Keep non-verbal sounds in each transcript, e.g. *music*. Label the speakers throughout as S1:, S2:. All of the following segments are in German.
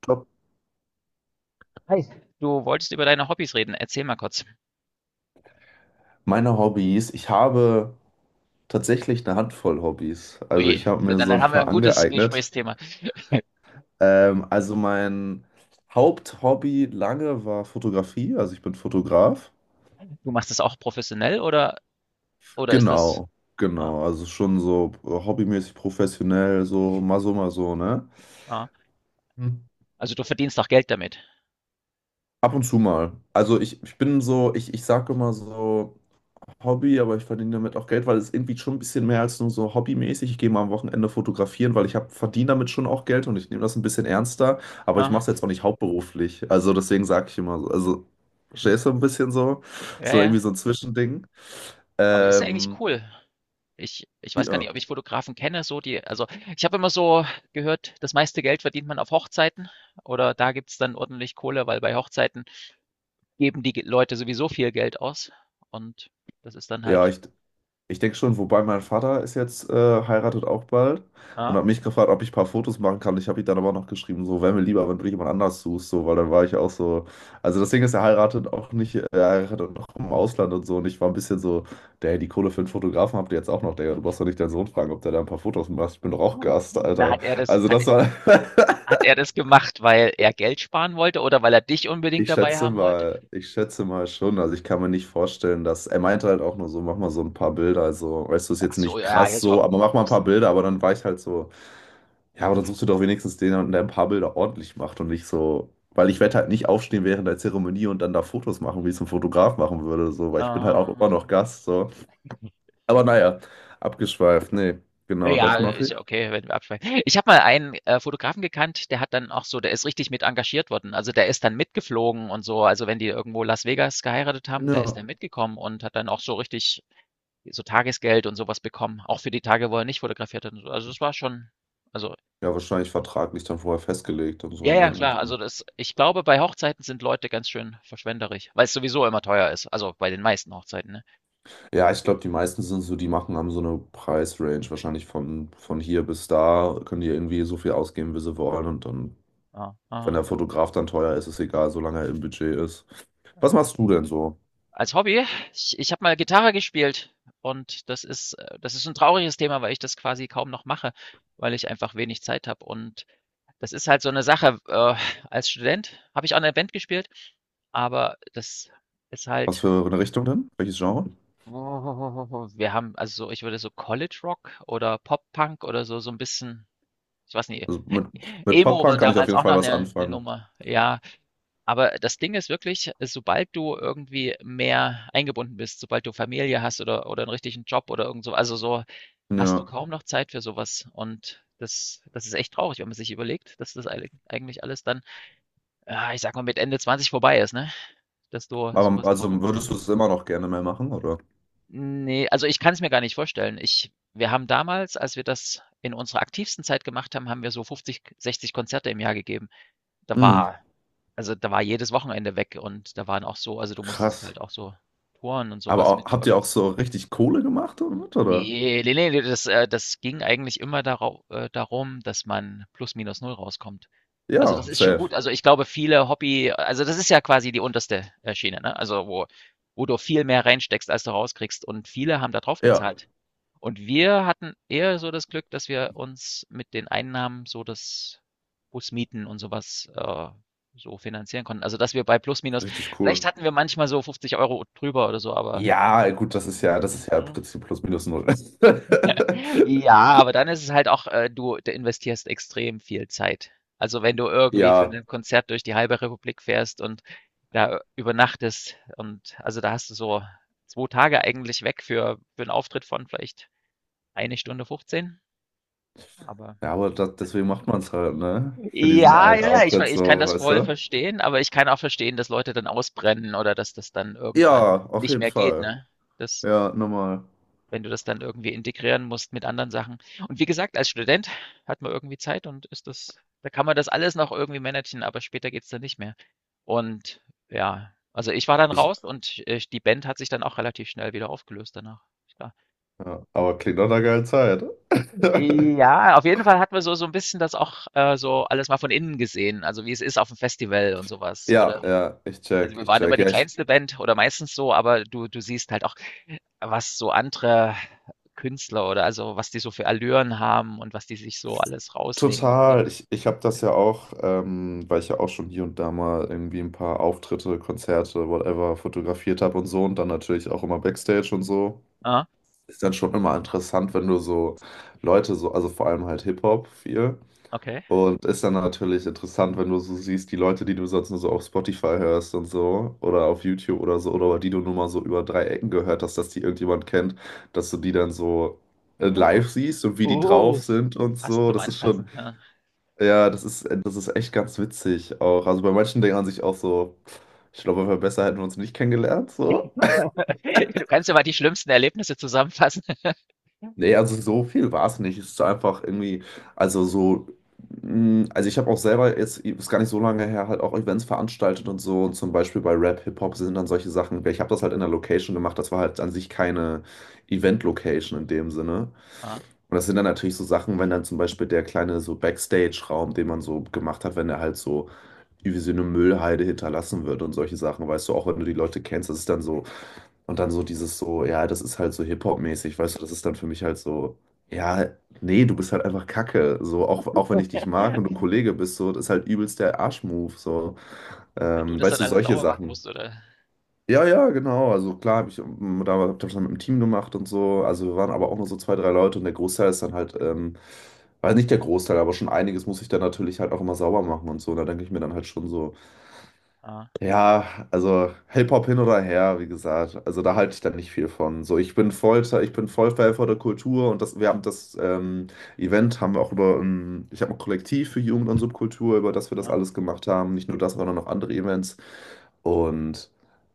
S1: Glaube,
S2: Hi. Du wolltest über deine Hobbys reden. Erzähl mal kurz.
S1: meine Hobbys, ich habe tatsächlich eine Handvoll Hobbys. Also
S2: Ui,
S1: ich habe mir
S2: dann,
S1: so
S2: dann
S1: ein
S2: haben wir ein
S1: paar
S2: gutes
S1: angeeignet.
S2: Gesprächsthema.
S1: Also mein Haupthobby lange war Fotografie. Also ich bin Fotograf.
S2: Du machst das auch professionell oder ist das,
S1: Genau,
S2: ja,
S1: genau. Also schon so hobbymäßig professionell, so mal so, mal so, ne?
S2: ja.
S1: Hm.
S2: Also du verdienst auch Geld damit.
S1: Ab und zu mal. Also ich bin so, ich sage immer so Hobby, aber ich verdiene damit auch Geld, weil es irgendwie schon ein bisschen mehr als nur so hobbymäßig. Ich gehe mal am Wochenende fotografieren, weil ich verdiene damit schon auch Geld und ich nehme das ein bisschen ernster, aber ich mache
S2: Aha.
S1: es jetzt auch nicht hauptberuflich. Also deswegen sage ich immer so, also
S2: Ist ein-
S1: verstehst du ein bisschen so,
S2: Ja,
S1: so
S2: ja.
S1: irgendwie so ein Zwischending.
S2: Aber ist ja eigentlich
S1: Ähm,
S2: cool. Ich weiß gar nicht,
S1: ja,
S2: ob ich Fotografen kenne, so die, also ich habe immer so gehört, das meiste Geld verdient man auf Hochzeiten oder da gibt es dann ordentlich Kohle, weil bei Hochzeiten geben die Leute sowieso viel Geld aus und das ist dann
S1: ja,
S2: halt,
S1: ich. Ich denke schon, wobei mein Vater ist jetzt heiratet auch bald und
S2: ja.
S1: hat mich gefragt, ob ich ein paar Fotos machen kann. Ich habe ihm dann aber noch geschrieben, so wäre mir lieber, wenn du jemand anders suchst, so, weil dann war ich auch so. Also das Ding ist, er heiratet auch nicht, er heiratet auch im Ausland und so. Und ich war ein bisschen so, der die Kohle für einen Fotografen habt ihr jetzt auch noch, Digga. Du brauchst doch nicht deinen Sohn fragen, ob der da ein paar Fotos macht. Ich bin doch auch Gast,
S2: Na,
S1: Alter. Also das war. *laughs*
S2: hat er das gemacht, weil er Geld sparen wollte oder weil er dich unbedingt dabei haben wollte?
S1: Ich schätze mal schon. Also ich kann mir nicht vorstellen, dass er meinte halt auch nur so, mach mal so ein paar Bilder. Also, weißt du, ist
S2: Ach
S1: jetzt
S2: so,
S1: nicht
S2: ja, ja, ja,
S1: krass
S2: so
S1: so, aber mach mal ein
S2: aus
S1: paar Bilder. Aber dann war ich halt so, ja, aber dann suchst du doch wenigstens den, der ein paar Bilder ordentlich macht und nicht so, weil ich werde halt nicht aufstehen während der Zeremonie und dann da Fotos machen, wie ich es ein Fotograf machen würde, so, weil ich bin halt auch
S2: ähm,
S1: immer noch Gast, so. Aber naja, abgeschweift. Nee,
S2: ja,
S1: genau
S2: ja,
S1: das mache
S2: ist
S1: ich.
S2: ja okay, wenn wir abschweifen. Ich habe mal einen Fotografen gekannt, der hat dann auch so der ist richtig mit engagiert worden. Also, der ist dann mitgeflogen und so. Also, wenn die irgendwo Las Vegas geheiratet haben, da ist
S1: Ja.
S2: er mitgekommen und hat dann auch so richtig so Tagesgeld und sowas bekommen, auch für die Tage, wo er nicht fotografiert hat und so. Also, das war schon also,
S1: Ja, wahrscheinlich vertraglich dann vorher festgelegt und so,
S2: ja, ja,
S1: ne? Und
S2: klar. Also
S1: dann
S2: das ich glaube, bei Hochzeiten sind Leute ganz schön verschwenderisch, weil es sowieso immer teuer ist, also bei den meisten Hochzeiten, ne?
S1: ja, ich glaube, die meisten sind so, die machen, haben so eine Preisrange, wahrscheinlich von hier bis da, können die irgendwie so viel ausgeben, wie sie wollen. Und dann,
S2: Ja,
S1: wenn
S2: aha,
S1: der Fotograf dann teuer ist, ist egal, solange er im Budget ist. Was
S2: ja.
S1: machst du denn so?
S2: Als Hobby, ich habe mal Gitarre gespielt und das ist ein trauriges Thema, weil ich das quasi kaum noch mache, weil ich einfach wenig Zeit habe und das ist halt so eine Sache, als Student habe ich auch in 'ner Band gespielt, aber das ist
S1: Was
S2: halt
S1: für eine Richtung denn? Welches Genre?
S2: wir haben also so ich würde so College Rock oder Pop Punk oder so so ein bisschen ich weiß nicht,
S1: Also mit
S2: Emo war
S1: Pop-Punk kann ich auf
S2: damals
S1: jeden
S2: auch noch
S1: Fall was
S2: eine 'ne
S1: anfangen.
S2: Nummer, ja. Aber das Ding ist wirklich, sobald du irgendwie mehr eingebunden bist, sobald du Familie hast oder einen richtigen Job oder irgend so also, so hast du
S1: Ja.
S2: kaum noch Zeit für sowas. Und das ist echt traurig, wenn man sich überlegt, dass das eilig eigentlich alles dann, ja, ich sag mal, mit Ende 20 vorbei ist, ne? Dass du
S1: Aber
S2: sowas kaum noch
S1: also
S2: machen.
S1: würdest du es immer noch gerne mehr machen, oder?
S2: Ne, also, ich kann es mir gar nicht vorstellen. Ich wir haben damals, als wir das in unserer aktivsten Zeit gemacht haben, haben wir so 50, 60 Konzerte im Jahr gegeben. Da
S1: Hm,
S2: war also, da war jedes Wochenende weg und da waren auch so also, du musstest
S1: krass.
S2: halt auch so Touren und
S1: Aber
S2: sowas was
S1: auch,
S2: mit
S1: habt ihr auch
S2: organis
S1: so richtig Kohle gemacht damit, oder?
S2: nee ne, ne, das ging eigentlich immer darau darum, dass man plus minus null rauskommt. Also, das
S1: Ja,
S2: ist schon
S1: safe.
S2: gut. Also, ich glaube, viele Hobby also, das ist ja quasi die unterste Schiene, ne? Also, wo du viel mehr reinsteckst, als du rauskriegst und viele haben da drauf
S1: Ja,
S2: gezahlt und wir hatten eher so das Glück, dass wir uns mit den Einnahmen so das Busmieten und sowas äh, so finanzieren konnten. Also, dass wir bei plus minus
S1: richtig
S2: vielleicht
S1: cool.
S2: hatten wir manchmal so 50 € drüber oder so, aber
S1: Ja, gut,
S2: hm,
S1: das ist ja im
S2: mhm.
S1: Prinzip plus minus null. *laughs*
S2: Ja, aber dann ist es halt auch, du investierst extrem viel Zeit. Also, wenn du irgendwie für
S1: Ja,
S2: ein Konzert durch die halbe Republik fährst und da übernachtest und also, da hast du so 2 Tage eigentlich weg für 'n Auftritt von vielleicht eine Stunde 15, aber
S1: ja, aber deswegen macht man es halt, ne? Für diesen
S2: ja,
S1: einen
S2: ja, ja, ich,
S1: Auftritt so,
S2: ich kann das
S1: weißt
S2: voll
S1: du?
S2: verstehen, aber ich kann auch verstehen, dass Leute dann ausbrennen oder dass das dann irgendwann
S1: Ja, auf
S2: nicht
S1: jeden
S2: mehr geht,
S1: Fall.
S2: ne? Das,
S1: Ja, nochmal.
S2: wenn du das dann irgendwie integrieren musst mit anderen Sachen. Und wie gesagt, als Student hat man irgendwie Zeit und ist das, da kann man das alles noch irgendwie managen, aber später geht's dann nicht mehr. Und ja, also ich war dann
S1: Ich,
S2: raus und die Band hat sich dann auch relativ schnell wieder aufgelöst danach. Klar.
S1: ja, aber klingt doch eine geile Zeit. *laughs*
S2: Ja, auf jeden Fall hat man so, so ein bisschen das auch so alles mal von innen gesehen, also wie es ist auf dem Festival und sowas,
S1: Ja,
S2: oder?
S1: ja, ich
S2: Also
S1: check,
S2: wir
S1: ich
S2: waren immer
S1: check.
S2: die
S1: Ja, ich
S2: kleinste Band oder meistens so, aber du siehst halt auch, was so andere Künstler oder also, was die so für Allüren haben und was die sich so alles rausnehmen und wie
S1: total. Ich habe das ja auch, weil ich ja auch schon hier und da mal irgendwie ein paar Auftritte, Konzerte, whatever, fotografiert habe und so und dann natürlich auch immer Backstage und so.
S2: ah,
S1: Ist dann schon immer interessant, wenn du so Leute so, also vor allem halt Hip-Hop viel.
S2: okay.
S1: Und ist dann natürlich interessant, wenn du so siehst, die Leute, die du sonst nur so auf Spotify hörst und so, oder auf YouTube oder so, oder die du nur mal so über drei Ecken gehört hast, dass die irgendjemand kennt, dass du die dann so live siehst und wie die
S2: Oh,
S1: drauf sind und
S2: fast
S1: so.
S2: zum
S1: Das ist
S2: Anfassen,
S1: schon,
S2: ja.
S1: ja, das ist echt ganz witzig auch. Also bei manchen denkt man sich auch so, ich glaube, besser hätten wir uns nicht kennengelernt, so.
S2: *laughs* Du kannst ja mal die schlimmsten Erlebnisse zusammenfassen. *laughs*
S1: Nee, also so viel war es nicht. Es ist einfach irgendwie, also so, also ich habe auch selber jetzt, ist gar nicht so lange her, halt auch Events veranstaltet und so. Und zum Beispiel bei Rap, Hip-Hop sind dann solche Sachen. Ich habe das halt in der Location gemacht, das war halt an sich keine Event-Location in dem Sinne.
S2: Ah.
S1: Und das sind dann natürlich so Sachen, wenn dann zum Beispiel der kleine so Backstage-Raum, den man so gemacht hat, wenn er halt so wie sie eine Müllhalde hinterlassen wird und solche Sachen, weißt du, auch wenn du die Leute kennst, das ist dann so, und dann so dieses so, ja, das ist halt so Hip-Hop-mäßig, weißt du, das ist dann für mich halt so, ja, nee, du bist halt einfach Kacke, so, auch, auch wenn ich dich mag und du ein Kollege bist, so, das ist halt übelst der Arschmove, so,
S2: Weil du das
S1: weißt
S2: dann
S1: du,
S2: alles
S1: solche
S2: sauber machen
S1: Sachen.
S2: musst oder?
S1: Ja, ja, genau. Also klar, hab ich da hab ich das mit dem Team gemacht und so. Also wir waren aber auch nur so zwei, drei Leute und der Großteil ist dann halt, weiß nicht der Großteil, aber schon einiges muss ich dann natürlich halt auch immer sauber machen und so. Und da denke ich mir dann halt schon so,
S2: Ah,
S1: ja, also Hip-Hop hin oder her, wie gesagt. Also da halte ich dann nicht viel von. So, ich bin voll Fan von der Kultur und das, wir haben das Event haben wir auch über, ich habe ein Kollektiv für Jugend und Subkultur, über das wir das
S2: ah,
S1: alles gemacht haben. Nicht nur das, sondern noch andere Events. Und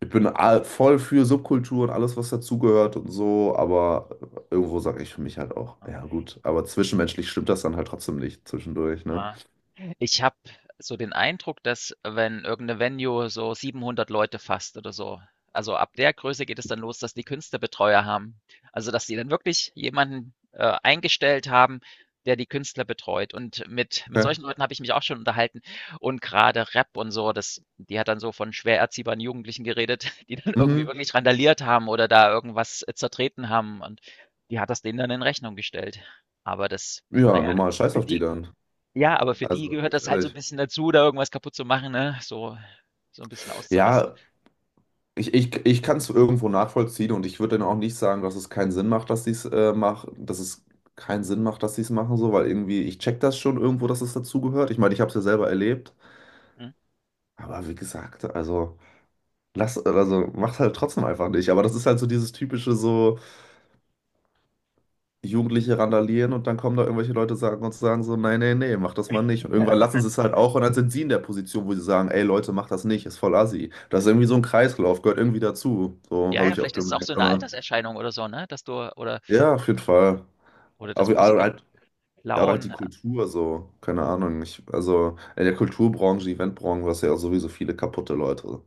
S1: voll für Subkultur und alles, was dazugehört und so, aber irgendwo sage ich für mich halt auch,
S2: ah,
S1: ja gut, aber zwischenmenschlich stimmt das dann halt trotzdem nicht zwischendurch, ne?
S2: ah. Ich habe so den Eindruck, dass wenn irgend 'ne Venue so 700 Leute fasst oder so also ab der Größe geht es dann los, dass die Künstlerbetreuer haben. Also, dass die dann wirklich jemanden eingestellt haben, der die Künstler betreut. Und mit
S1: Okay.
S2: solchen Leuten habe ich mich auch schon unterhalten und gerade Rap und so, das die hat dann so von schwer erziehbaren Jugendlichen geredet, *laughs* die dann irgendwie
S1: Mhm.
S2: wirklich randaliert haben oder da irgendwas zertreten haben und die hat das denen dann in Rechnung gestellt. Aber das
S1: Ja,
S2: naja,
S1: normal, scheiß
S2: für
S1: auf die
S2: die
S1: dann.
S2: ja, aber für die
S1: Also,
S2: gehört
S1: ganz
S2: das halt so ein
S1: ehrlich.
S2: bisschen dazu, da irgendwas kaputt zu machen, ne? So so ein bisschen auszurasten,
S1: Ja, ich kann es irgendwo nachvollziehen und ich würde dann auch nicht sagen, dass es keinen Sinn macht, dass sie es machen, dass es keinen Sinn macht, dass sie es machen, so, weil irgendwie, ich check das schon irgendwo, dass es dazugehört. Ich meine, ich habe es ja selber erlebt,
S2: mhm.
S1: aber wie gesagt, also, lass, also macht halt trotzdem einfach nicht. Aber das ist halt so dieses typische, so, Jugendliche randalieren und dann kommen da irgendwelche Leute sagen und sagen so, nein, nee, nee, mach das mal nicht. Und
S2: Ja. *laughs*
S1: irgendwann
S2: Und
S1: lassen sie
S2: dann
S1: es halt auch und dann sind sie in der Position, wo sie sagen, ey Leute, macht das nicht, ist voll assi. Das ist irgendwie so ein Kreislauf, gehört irgendwie dazu. So
S2: ja,
S1: habe
S2: ja,
S1: ich auch
S2: vielleicht ist es auch so
S1: gemerkt.
S2: eine
S1: Also,
S2: Alterserscheinung oder so, ne, dass du oder
S1: ja, auf jeden Fall.
S2: oder dass
S1: Aber
S2: Musiker
S1: halt, ja, oder halt die
S2: klauen,
S1: Kultur so, keine
S2: äh,
S1: Ahnung. Ich, also in der Kulturbranche, Eventbranche, du hast du ja auch sowieso viele kaputte Leute.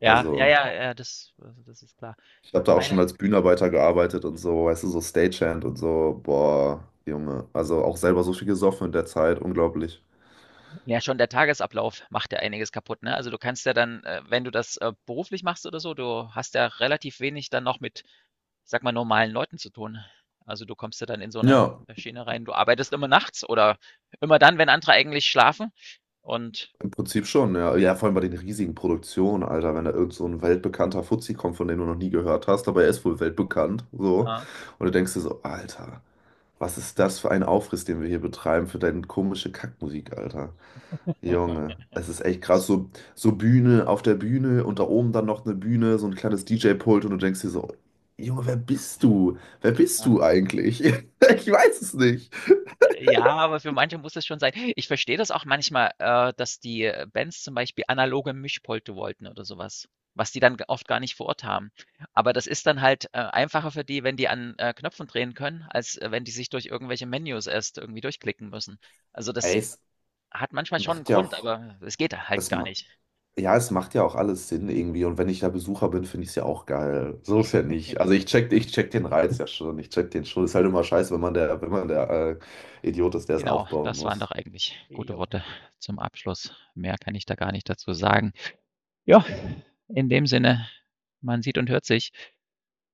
S2: ja, ja,
S1: Also
S2: ja, ja, das also, das ist klar.
S1: ich habe
S2: Ich
S1: da auch schon
S2: meine
S1: als Bühnenarbeiter gearbeitet und so, weißt du, so Stagehand und so, boah, Junge. Also auch selber so viel gesoffen in der Zeit, unglaublich.
S2: ja, schon der Tagesablauf macht ja einiges kaputt, ne? Also, du kannst ja dann, wenn du das beruflich machst oder so, du hast ja relativ wenig dann noch mit, ich sage mal, normalen Leuten zu tun. Also, du kommst ja dann in so eine
S1: Ja.
S2: Schiene rein. Du arbeitest immer nachts oder immer dann, wenn andere eigentlich schlafen und,
S1: Im Prinzip schon, ja. Ja, vor allem bei den riesigen Produktionen, Alter, wenn da irgend so ein weltbekannter Fuzzi kommt, von dem du noch nie gehört hast, aber er ist wohl weltbekannt, so.
S2: äh
S1: Und du denkst dir so, Alter, was ist das für ein Aufriss, den wir hier betreiben für deine komische Kackmusik, Alter. Junge,
S2: *laughs*
S1: es ist echt krass, so, so Bühne auf der Bühne und da oben dann noch eine Bühne, so ein kleines DJ-Pult und du denkst dir so, Junge, wer bist du? Wer bist du eigentlich? *laughs* Ich weiß es nicht.
S2: Ja, aber für manche muss es schon sein. Ich verstehe das auch manchmal, dass die Bands zum Beispiel analoge Mischpulte wollten oder sowas, was, die dann g oft gar nicht vor Ort haben. Aber das ist dann halt einfacher für die, wenn die an Knöpfen drehen können, als wenn die sich durch irgendwelche Menüs erst irgendwie durchklicken müssen. Also, das
S1: Ey, es
S2: hat manchmal schon einen
S1: macht ja
S2: Grund,
S1: auch.
S2: aber es geht halt
S1: Es,
S2: gar nicht.
S1: Ja, es macht ja auch alles Sinn irgendwie. Und wenn ich da Besucher bin, finde ich es ja auch geil. So ist ja nicht. Also
S2: *laughs*
S1: ich check den Reiz ja schon. Ich check den schon. Ist halt immer scheiße, wenn man der, wenn man der Idiot ist, der es aufbauen muss.
S2: Jo.